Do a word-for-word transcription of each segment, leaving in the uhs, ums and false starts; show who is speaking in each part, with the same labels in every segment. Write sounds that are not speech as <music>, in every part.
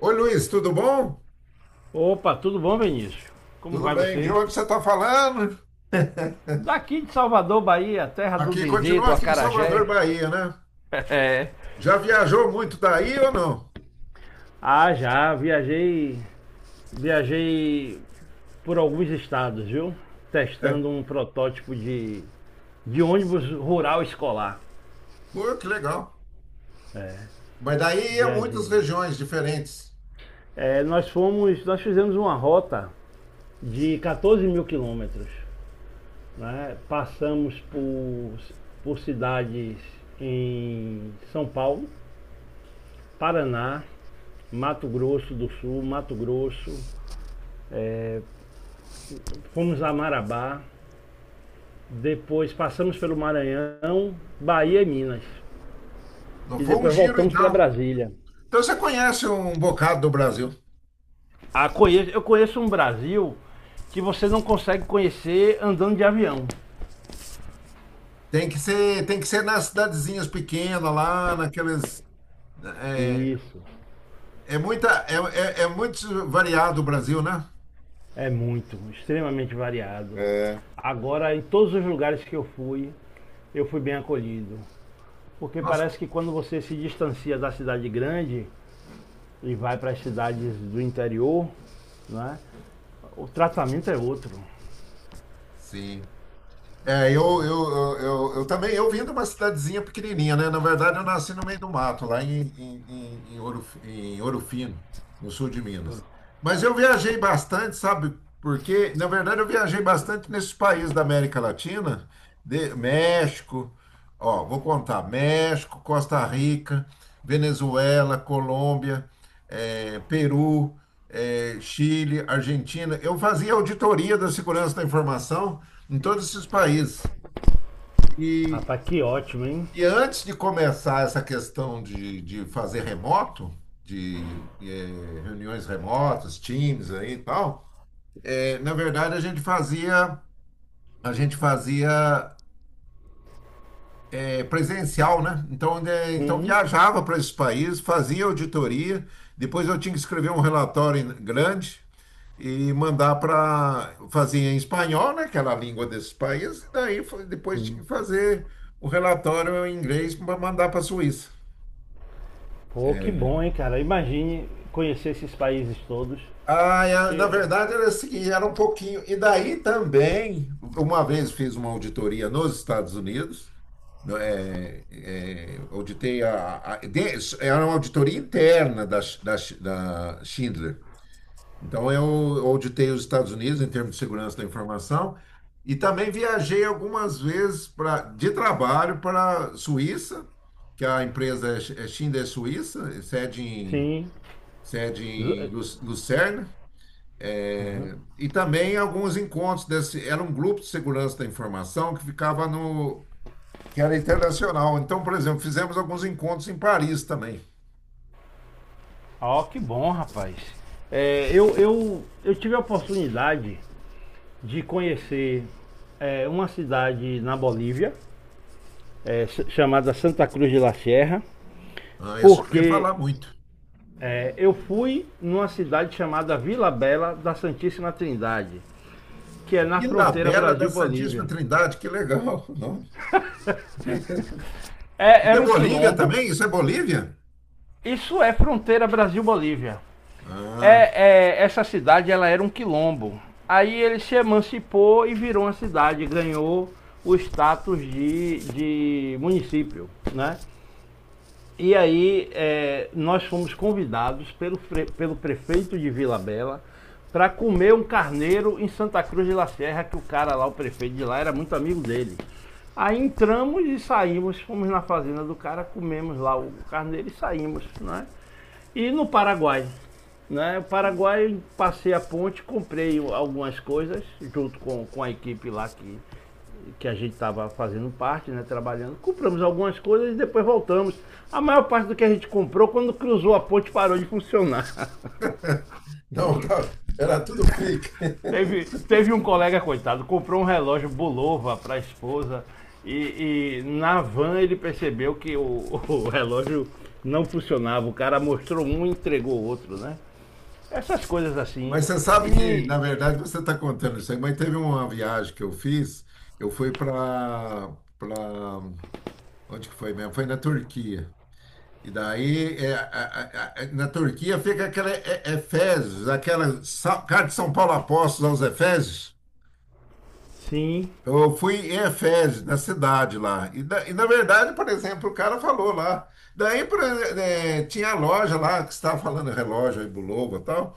Speaker 1: Oi, Luiz, tudo bom?
Speaker 2: Opa, tudo bom, Benício? Como
Speaker 1: Tudo
Speaker 2: vai
Speaker 1: bem? De
Speaker 2: você?
Speaker 1: onde você está falando? <laughs>
Speaker 2: Daqui de Salvador, Bahia, terra do
Speaker 1: Aqui,
Speaker 2: Dendê,
Speaker 1: continua
Speaker 2: do
Speaker 1: aqui em Salvador,
Speaker 2: Acarajé. <laughs>
Speaker 1: Bahia, né?
Speaker 2: É.
Speaker 1: Já viajou muito daí ou não?
Speaker 2: Ah, já, viajei, viajei por alguns estados, viu?
Speaker 1: É.
Speaker 2: Testando um protótipo de, de ônibus rural escolar.
Speaker 1: Pô, que legal.
Speaker 2: É,
Speaker 1: Mas daí ia muitas
Speaker 2: viajei.
Speaker 1: regiões diferentes.
Speaker 2: É, nós fomos, nós fizemos uma rota de quatorze mil quilômetros, né? Passamos por, por cidades em São Paulo, Paraná, Mato Grosso do Sul, Mato Grosso, é, fomos a Marabá, depois passamos pelo Maranhão, Bahia e Minas.
Speaker 1: Não
Speaker 2: E
Speaker 1: foi um
Speaker 2: depois
Speaker 1: giro,
Speaker 2: voltamos para
Speaker 1: então.
Speaker 2: Brasília.
Speaker 1: Então você conhece um bocado do Brasil.
Speaker 2: Ah, conheço- eu conheço um Brasil que você não consegue conhecer andando de avião.
Speaker 1: Tem que ser, tem que ser nas cidadezinhas pequenas, lá naqueles. É,
Speaker 2: Isso.
Speaker 1: é muita, é, é, é muito variado o Brasil, né?
Speaker 2: É muito, extremamente variado.
Speaker 1: É.
Speaker 2: Agora, em todos os lugares que eu fui, eu fui bem acolhido. Porque
Speaker 1: Nossa,
Speaker 2: parece que quando você se distancia da cidade grande e vai para as cidades do interior, né, o tratamento é outro.
Speaker 1: sim. É, eu, eu, eu, eu, eu também, eu vim de uma cidadezinha pequenininha, né? Na verdade, eu nasci no meio do mato, lá em, em, em, em Ouro, em Ouro Fino, no sul de Minas. Mas eu viajei bastante, sabe? Porque, na verdade, eu viajei bastante nesses países da América Latina, de- México, ó, vou contar: México, Costa Rica, Venezuela, Colômbia, eh, Peru, eh, Chile, Argentina. Eu fazia auditoria da segurança da informação em todos esses países. E,
Speaker 2: Rapaz, que ótimo, hein?
Speaker 1: e antes de começar essa questão de, de fazer remoto, de eh, reuniões remotas, Teams aí e tal, eh, na verdade a gente fazia a gente fazia eh, presencial, né? Então, né, então
Speaker 2: Uhum.
Speaker 1: viajava para esses países, fazia auditoria, depois eu tinha que escrever um relatório grande e mandar para fazer em espanhol, né, aquela língua desses países, e daí foi- depois tinha que fazer o relatório em inglês para mandar para a Suíça.
Speaker 2: Pô, que bom, hein, cara? Imagine conhecer esses países todos.
Speaker 1: Ah, é, na
Speaker 2: E-
Speaker 1: verdade era o seguinte, era um pouquinho. E daí também, uma vez fiz uma auditoria nos Estados Unidos, no- é, é, auditei a, a- de- era uma auditoria interna da, Sch- da, Sch- da Schindler. Então, eu auditei os Estados Unidos em termos de segurança da informação e também viajei algumas vezes pra, de trabalho para a Suíça, que a empresa é Sch- é Schindler Suíça, sede em,
Speaker 2: Sim.
Speaker 1: sede
Speaker 2: Zo- é,
Speaker 1: em Lu- Lucerne, é, e também alguns encontros desse. Era um grupo de segurança da informação que ficava no. Que era internacional. Então, por exemplo, fizemos alguns encontros em Paris também.
Speaker 2: ó, que bom, rapaz. É, eu, eu, eu tive a oportunidade de conhecer é, uma cidade na Bolívia, é, s- chamada Santa Cruz de la Sierra,
Speaker 1: Ah, isso eu ouvi
Speaker 2: porque
Speaker 1: falar muito.
Speaker 2: é, eu fui numa cidade chamada Vila Bela da Santíssima Trindade, que é na fronteira
Speaker 1: Ilhabela da Santíssima
Speaker 2: Brasil-Bolívia.
Speaker 1: Trindade, que legal, <laughs> não?
Speaker 2: É,
Speaker 1: Isso é
Speaker 2: era um
Speaker 1: Bolívia
Speaker 2: quilombo.
Speaker 1: também? Isso é Bolívia?
Speaker 2: Isso é fronteira Brasil-Bolívia.
Speaker 1: Ah,
Speaker 2: É, é, essa cidade ela era um quilombo. Aí ele se emancipou e virou uma cidade, ganhou o status de, de município, né? E aí é, nós fomos convidados pelo, pelo prefeito de Vila Bela para comer um carneiro em Santa Cruz de La Serra, que o cara lá, o prefeito de lá, era muito amigo dele. Aí entramos e saímos, fomos na fazenda do cara, comemos lá o carneiro e saímos, né? E no Paraguai, né? O Paraguai, passei a ponte, comprei algumas coisas junto com, com a equipe lá que que a gente estava fazendo parte, né, trabalhando, compramos algumas coisas e depois voltamos. A maior parte do que a gente comprou, quando cruzou a ponte, parou de funcionar.
Speaker 1: <laughs> não, tá, era tudo fake.
Speaker 2: <laughs> Teve,
Speaker 1: <laughs>
Speaker 2: teve um colega, coitado, comprou um relógio Bulova para a esposa e, e na van ele percebeu que o, <laughs> o relógio não funcionava. O cara mostrou um e entregou o outro, né? Essas coisas assim.
Speaker 1: Mas você sabe que,
Speaker 2: E
Speaker 1: na verdade, você está contando isso aí, mas teve uma viagem que eu fiz, eu fui para para onde que foi mesmo? Foi na Turquia. E daí, é, a- a- a- na Turquia fica aquela, é, é Efésios, aquela Sa- carta de São Paulo Apóstolos aos Efésios.
Speaker 2: sim,
Speaker 1: Eu fui em Efés, na cidade lá. E, na e na verdade, por exemplo, o cara falou lá. Daí por exe- eh, tinha a loja lá que você estava falando, relógio aí, Bulova e tal.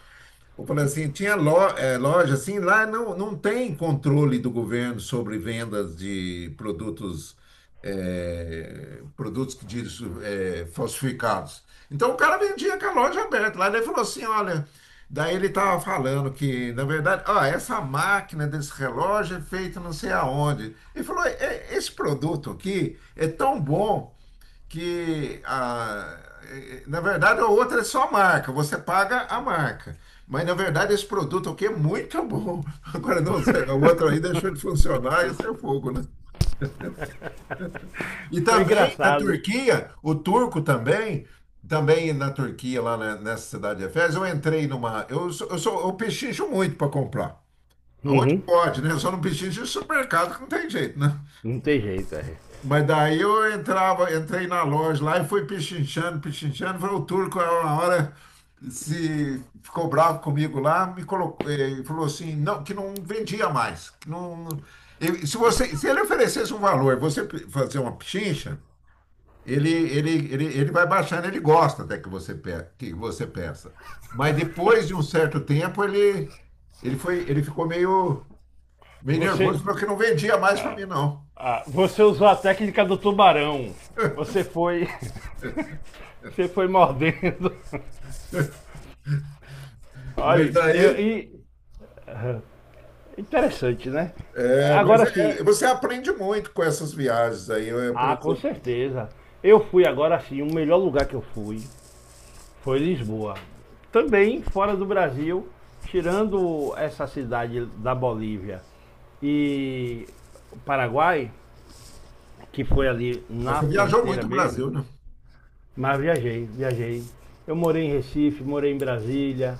Speaker 1: Eu falei assim: tinha lo- eh, loja, assim, lá não, não tem controle do governo sobre vendas de produtos, eh, produtos que diz, eh, falsificados. Então o cara vendia com a loja aberta. Lá ele falou assim, olha, daí ele estava falando que, na verdade, ó, essa máquina desse relógio é feita não sei aonde. Ele falou: "É- esse produto aqui é tão bom que a- eh, na verdade a outra é só marca, você paga a marca. Mas na verdade esse produto aqui é muito bom." <laughs> Agora não, sei, a outra aí deixou de funcionar, isso é fogo, né? E
Speaker 2: foi
Speaker 1: também na
Speaker 2: engraçado.
Speaker 1: Turquia, o turco também, também na Turquia, lá na- nessa cidade de Efes eu entrei numa. Eu, sou- eu, sou, eu pechincho muito para comprar. Aonde
Speaker 2: Uhum.
Speaker 1: pode, né? Eu só não pechincho em supermercado, que não tem jeito, né?
Speaker 2: Não tem jeito, é.
Speaker 1: Mas daí eu entrava, entrei na loja lá e fui pichinchando, pichinchando. Falei, o turco, é uma hora, se ficou bravo comigo lá, me colocou, eh, falou assim, não, que não vendia mais. Que não, eu- se você, se ele oferecesse um valor, você pe- fazer uma pechincha, ele, ele, ele, ele vai baixando, ele gosta até que você, pe- que você peça. Mas depois de um certo tempo, ele, ele foi, ele ficou meio, meio
Speaker 2: Você.
Speaker 1: nervoso, falou que não vendia mais para
Speaker 2: ah,
Speaker 1: mim, não.
Speaker 2: Ah, você usou a técnica do tubarão. Você foi. <laughs> Você foi mordendo.
Speaker 1: Mas
Speaker 2: Olha, eu,
Speaker 1: daí.
Speaker 2: e- interessante, né?
Speaker 1: É, mas
Speaker 2: Agora
Speaker 1: é,
Speaker 2: sim.
Speaker 1: é, você aprende muito com essas viagens aí. Eu, eu, por
Speaker 2: Ah, com
Speaker 1: exemplo,
Speaker 2: certeza. Eu fui agora sim, o melhor lugar que eu fui foi Lisboa. Também fora do Brasil, tirando essa cidade da Bolívia e o Paraguai, que foi ali
Speaker 1: mas
Speaker 2: na
Speaker 1: você viajou
Speaker 2: fronteira
Speaker 1: muito o
Speaker 2: mesmo,
Speaker 1: Brasil, né?
Speaker 2: mas viajei, viajei. Eu morei em Recife, morei em Brasília.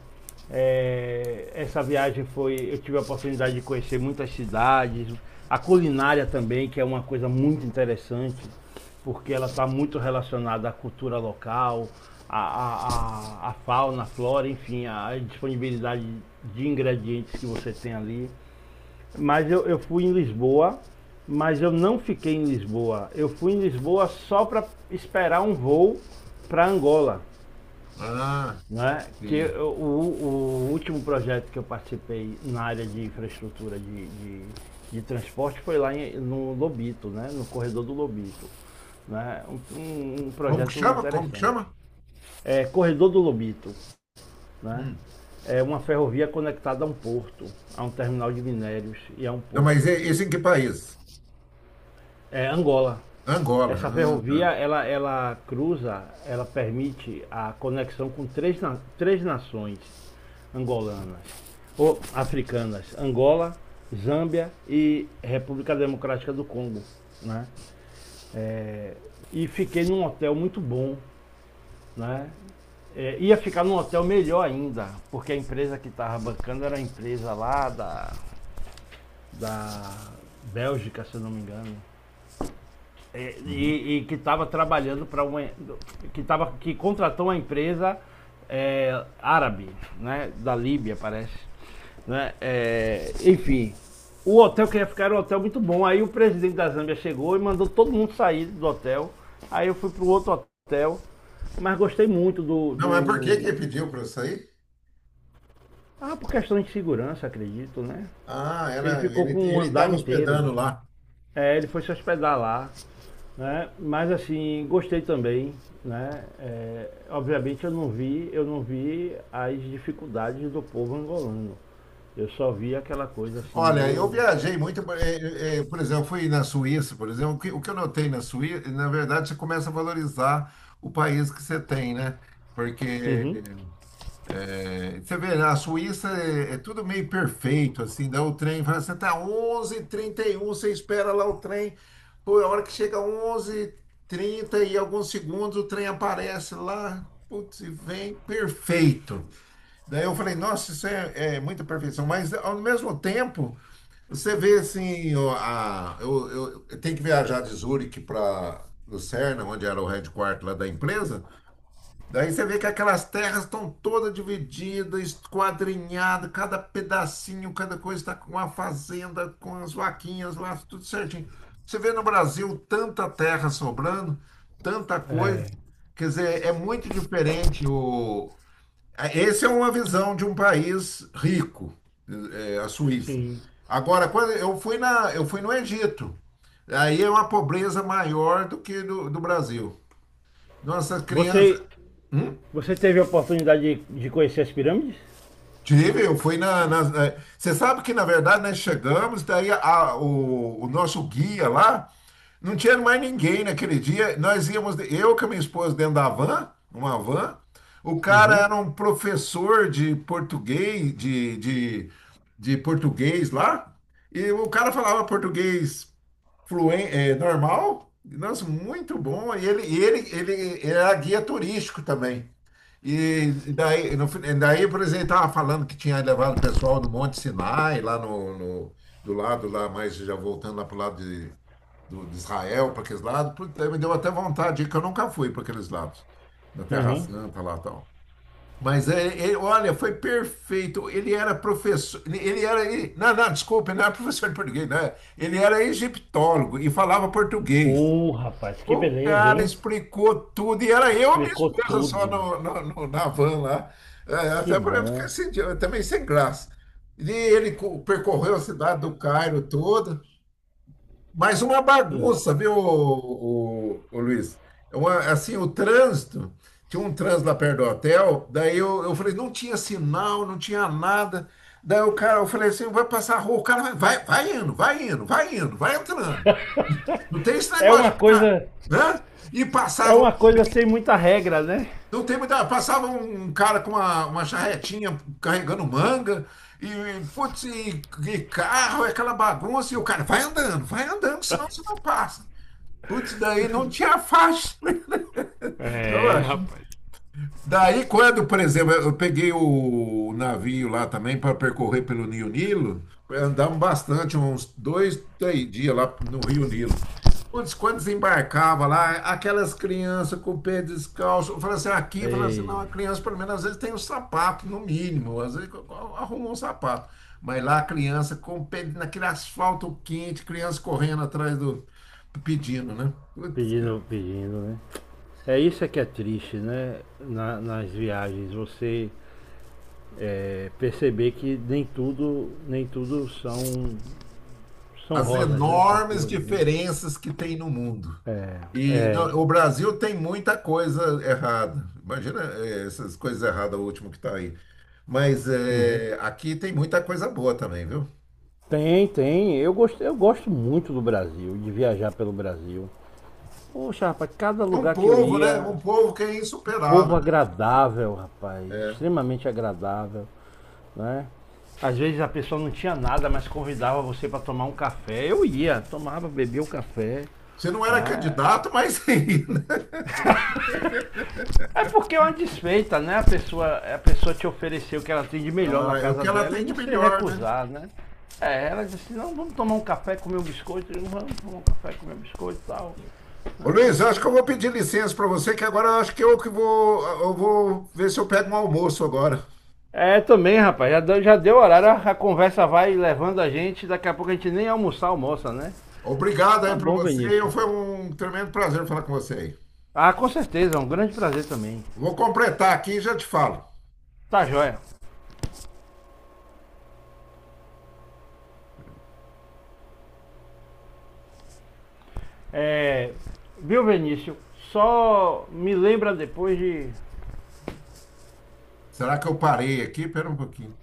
Speaker 2: É, essa viagem foi. Eu tive a oportunidade de conhecer muitas cidades, a culinária também, que é uma coisa muito interessante, porque ela está muito relacionada à cultura local, à, à, à- fauna, à flora, enfim, à disponibilidade de ingredientes que você tem ali. Mas eu, eu fui em Lisboa, mas eu não fiquei em Lisboa. Eu fui em Lisboa só para esperar um voo para Angola.
Speaker 1: Ah,
Speaker 2: Né? Que
Speaker 1: sim.
Speaker 2: eu- o, o último projeto que eu participei na área de infraestrutura de, de, de transporte foi lá em- no Lobito, né? No corredor do Lobito. Né? Um, um- um
Speaker 1: Como que
Speaker 2: projeto
Speaker 1: chama? Como que chama?
Speaker 2: interessante. É, corredor do Lobito. Né?
Speaker 1: Hum.
Speaker 2: É uma ferrovia conectada a um porto, a um terminal de minérios e a um
Speaker 1: Não,
Speaker 2: porto.
Speaker 1: mas e- esse em que país?
Speaker 2: É Angola.
Speaker 1: Angola.
Speaker 2: Essa
Speaker 1: Ah,
Speaker 2: ferrovia,
Speaker 1: tá.
Speaker 2: ela, ela cruza, ela permite a conexão com três, três nações angolanas, ou africanas, Angola, Zâmbia e República Democrática do Congo, né? É, e fiquei num hotel muito bom, né? É, ia ficar num hotel melhor ainda, porque a empresa que estava bancando era a empresa lá da, da Bélgica, se eu não me engano. É,
Speaker 1: Uhum.
Speaker 2: e, e que estava trabalhando para uma que tava, que contratou uma empresa é, árabe, né, da Líbia parece, né? É, enfim, o hotel que ia ficar era um hotel muito bom. Aí o presidente da Zâmbia chegou e mandou todo mundo sair do hotel. Aí eu fui para o outro hotel, mas gostei muito do,
Speaker 1: Não, mas por que que ele
Speaker 2: do
Speaker 1: pediu para sair?
Speaker 2: ah, por questão de segurança, acredito, né?
Speaker 1: Ah,
Speaker 2: Ele
Speaker 1: era,
Speaker 2: ficou
Speaker 1: ele
Speaker 2: com
Speaker 1: ele
Speaker 2: um andar
Speaker 1: estava
Speaker 2: inteiro.
Speaker 1: hospedando lá.
Speaker 2: É, ele foi se hospedar lá, né? Mas assim, gostei também, né? É, obviamente eu não vi, eu não vi as dificuldades do povo angolano. Eu só vi aquela coisa assim
Speaker 1: Olha, eu
Speaker 2: meio.
Speaker 1: viajei muito, eh, eh, por exemplo, fui na Suíça, por exemplo. O que, o que eu notei na Suíça, na verdade, você começa a valorizar o país que você tem, né? Porque.
Speaker 2: Uhum.
Speaker 1: É, você vê, na Suíça é, é tudo meio perfeito, assim, dá o trem, fala, você tá onze e trinta e um, você espera lá o trem, pô, é a hora que chega onze e trinta e trinta e alguns segundos, o trem aparece lá, putz, e vem perfeito. Daí eu falei, nossa, isso é, é muita perfeição, mas ao mesmo tempo, você vê assim, ó, a, eu, eu, eu tenho que viajar de Zurique para Lucerna, onde era o headquarter lá da empresa. Daí você vê que aquelas terras estão todas divididas, esquadrinhadas, cada pedacinho, cada coisa está com uma fazenda, com as vaquinhas lá, tudo certinho. Você vê no Brasil tanta terra sobrando, tanta coisa.
Speaker 2: É,
Speaker 1: Quer dizer, é muito diferente o... Essa é uma visão de um país rico, é, a Suíça.
Speaker 2: sim.
Speaker 1: Agora, quando eu fui na, eu fui no Egito, aí é uma pobreza maior do que do, do Brasil. Nossas crianças...
Speaker 2: Você,
Speaker 1: Hum?
Speaker 2: você teve a oportunidade de, de conhecer as pirâmides?
Speaker 1: Tive, eu fui na, na- na-. Você sabe que, na verdade, nós chegamos, daí a- o, o nosso guia lá, não tinha mais ninguém naquele dia. Nós íamos, de- eu com a minha esposa dentro da van, uma van. O cara
Speaker 2: Uhum.
Speaker 1: era um professor de português, de, de, de português lá, e o cara falava português fluen- é, normal. Nossa, muito bom. E ele, e ele, ele era guia turístico também. E daí, no, fin- daí, por exemplo, ele estava falando que tinha levado o pessoal no Monte Sinai, lá no, no- do lado lá, mas já voltando lá para o lado de, do, de Israel, para aqueles lados. Puta, me deu até vontade de ir, que eu nunca fui para aqueles lados, na Terra
Speaker 2: Aham.
Speaker 1: Santa lá e tal. Mas é, é- olha, foi perfeito. Ele era professor, ele era, e- não, não, desculpa, ele não era professor de português, né? Ele era egiptólogo e falava português.
Speaker 2: Uh, rapaz, que
Speaker 1: O
Speaker 2: beleza,
Speaker 1: cara
Speaker 2: hein?
Speaker 1: explicou tudo e era eu e minha
Speaker 2: Explicou
Speaker 1: esposa só
Speaker 2: tudo.
Speaker 1: no, no- no- na van lá. É,
Speaker 2: Que
Speaker 1: até para eu ficar
Speaker 2: bom.
Speaker 1: sem, também sem graça. E ele co- percorreu a cidade do Cairo toda. Mas uma
Speaker 2: Hum.
Speaker 1: bagunça, viu, o, Luiz? É uma- assim, o trânsito, tinha um trânsito lá perto do hotel, daí eu, eu falei, não tinha sinal, não tinha nada. Daí o cara, eu falei assim, vai passar a rua, o cara vai, vai, vai indo, vai indo, vai indo, vai entrando. Não tem esse
Speaker 2: É
Speaker 1: negócio de
Speaker 2: uma
Speaker 1: ficar,
Speaker 2: coisa,
Speaker 1: né? E
Speaker 2: é
Speaker 1: passava,
Speaker 2: uma coisa sem muita regra, né?
Speaker 1: não tem muita, passava um um cara com uma, uma charretinha carregando manga, e, putz, e, e carro, é aquela bagunça, e o cara vai andando, vai andando, senão você
Speaker 2: <laughs>
Speaker 1: não passa. Putz, daí não tinha faixa, <laughs> eu
Speaker 2: É,
Speaker 1: acho.
Speaker 2: rapaz.
Speaker 1: Daí, quando, por exemplo, eu peguei o navio lá também para percorrer pelo Rio Nilo, andamos bastante, uns dois, três dias lá no Rio Nilo. Putz, quando desembarcava lá, aquelas crianças com o pé descalço, eu falei assim, aqui, eu falei assim, não,
Speaker 2: Ei,
Speaker 1: a criança pelo menos às vezes tem um sapato, no mínimo, às vezes arrumou um sapato. Mas lá a criança com o pé naquele asfalto quente, criança correndo atrás do, pedindo, né? Putz,
Speaker 2: pedindo, pedindo, né? É, isso é que é triste, né? Na- nas viagens, você é, perceber que nem tudo, nem tudo são, são
Speaker 1: as
Speaker 2: rosas, né? São
Speaker 1: enormes
Speaker 2: flores, né?
Speaker 1: diferenças que tem no mundo. E
Speaker 2: É.
Speaker 1: no- o Brasil tem muita coisa errada. Imagina, eh, essas coisas erradas, o último que está aí. Mas
Speaker 2: Uhum.
Speaker 1: eh, aqui tem muita coisa boa também, viu?
Speaker 2: Tem, tem. Eu gosto, eu gosto muito do Brasil, de viajar pelo Brasil. Poxa, rapaz, cada
Speaker 1: É um
Speaker 2: lugar que eu
Speaker 1: povo, né?
Speaker 2: ia,
Speaker 1: Um povo que é
Speaker 2: povo
Speaker 1: insuperável.
Speaker 2: agradável, rapaz,
Speaker 1: É.
Speaker 2: extremamente agradável. Né? Às vezes a pessoa não tinha nada, mas convidava você para tomar um café. Eu ia, tomava, bebia o café,
Speaker 1: Você não era
Speaker 2: né?
Speaker 1: candidato, mas <laughs> ainda.
Speaker 2: É porque é uma desfeita, né? A pessoa, a pessoa te ofereceu o que ela tem de melhor na
Speaker 1: Ah, é o
Speaker 2: casa
Speaker 1: que ela
Speaker 2: dela e
Speaker 1: tem de
Speaker 2: você
Speaker 1: melhor, né?
Speaker 2: recusar, né? É, ela disse, assim, não, vamos tomar um café, comer um biscoito. Eu, vamos tomar um café, comer um biscoito e tal.
Speaker 1: Ô
Speaker 2: Né?
Speaker 1: Luiz, eu acho que eu vou pedir licença para você, que agora eu acho que eu que vou, eu vou ver se eu pego um almoço agora.
Speaker 2: É, também, rapaz, já deu, já deu horário, a, a conversa vai levando a gente, daqui a pouco a gente nem almoçar almoça, né?
Speaker 1: Obrigado aí
Speaker 2: Tá
Speaker 1: para
Speaker 2: bom,
Speaker 1: você.
Speaker 2: Benício.
Speaker 1: Eu- Foi um tremendo prazer falar com você aí.
Speaker 2: Ah, com certeza, é um grande prazer também.
Speaker 1: Vou completar aqui e já te falo.
Speaker 2: Tá joia. É, viu, Benício? Só me lembra depois de
Speaker 1: Será que eu parei aqui? Pera um pouquinho.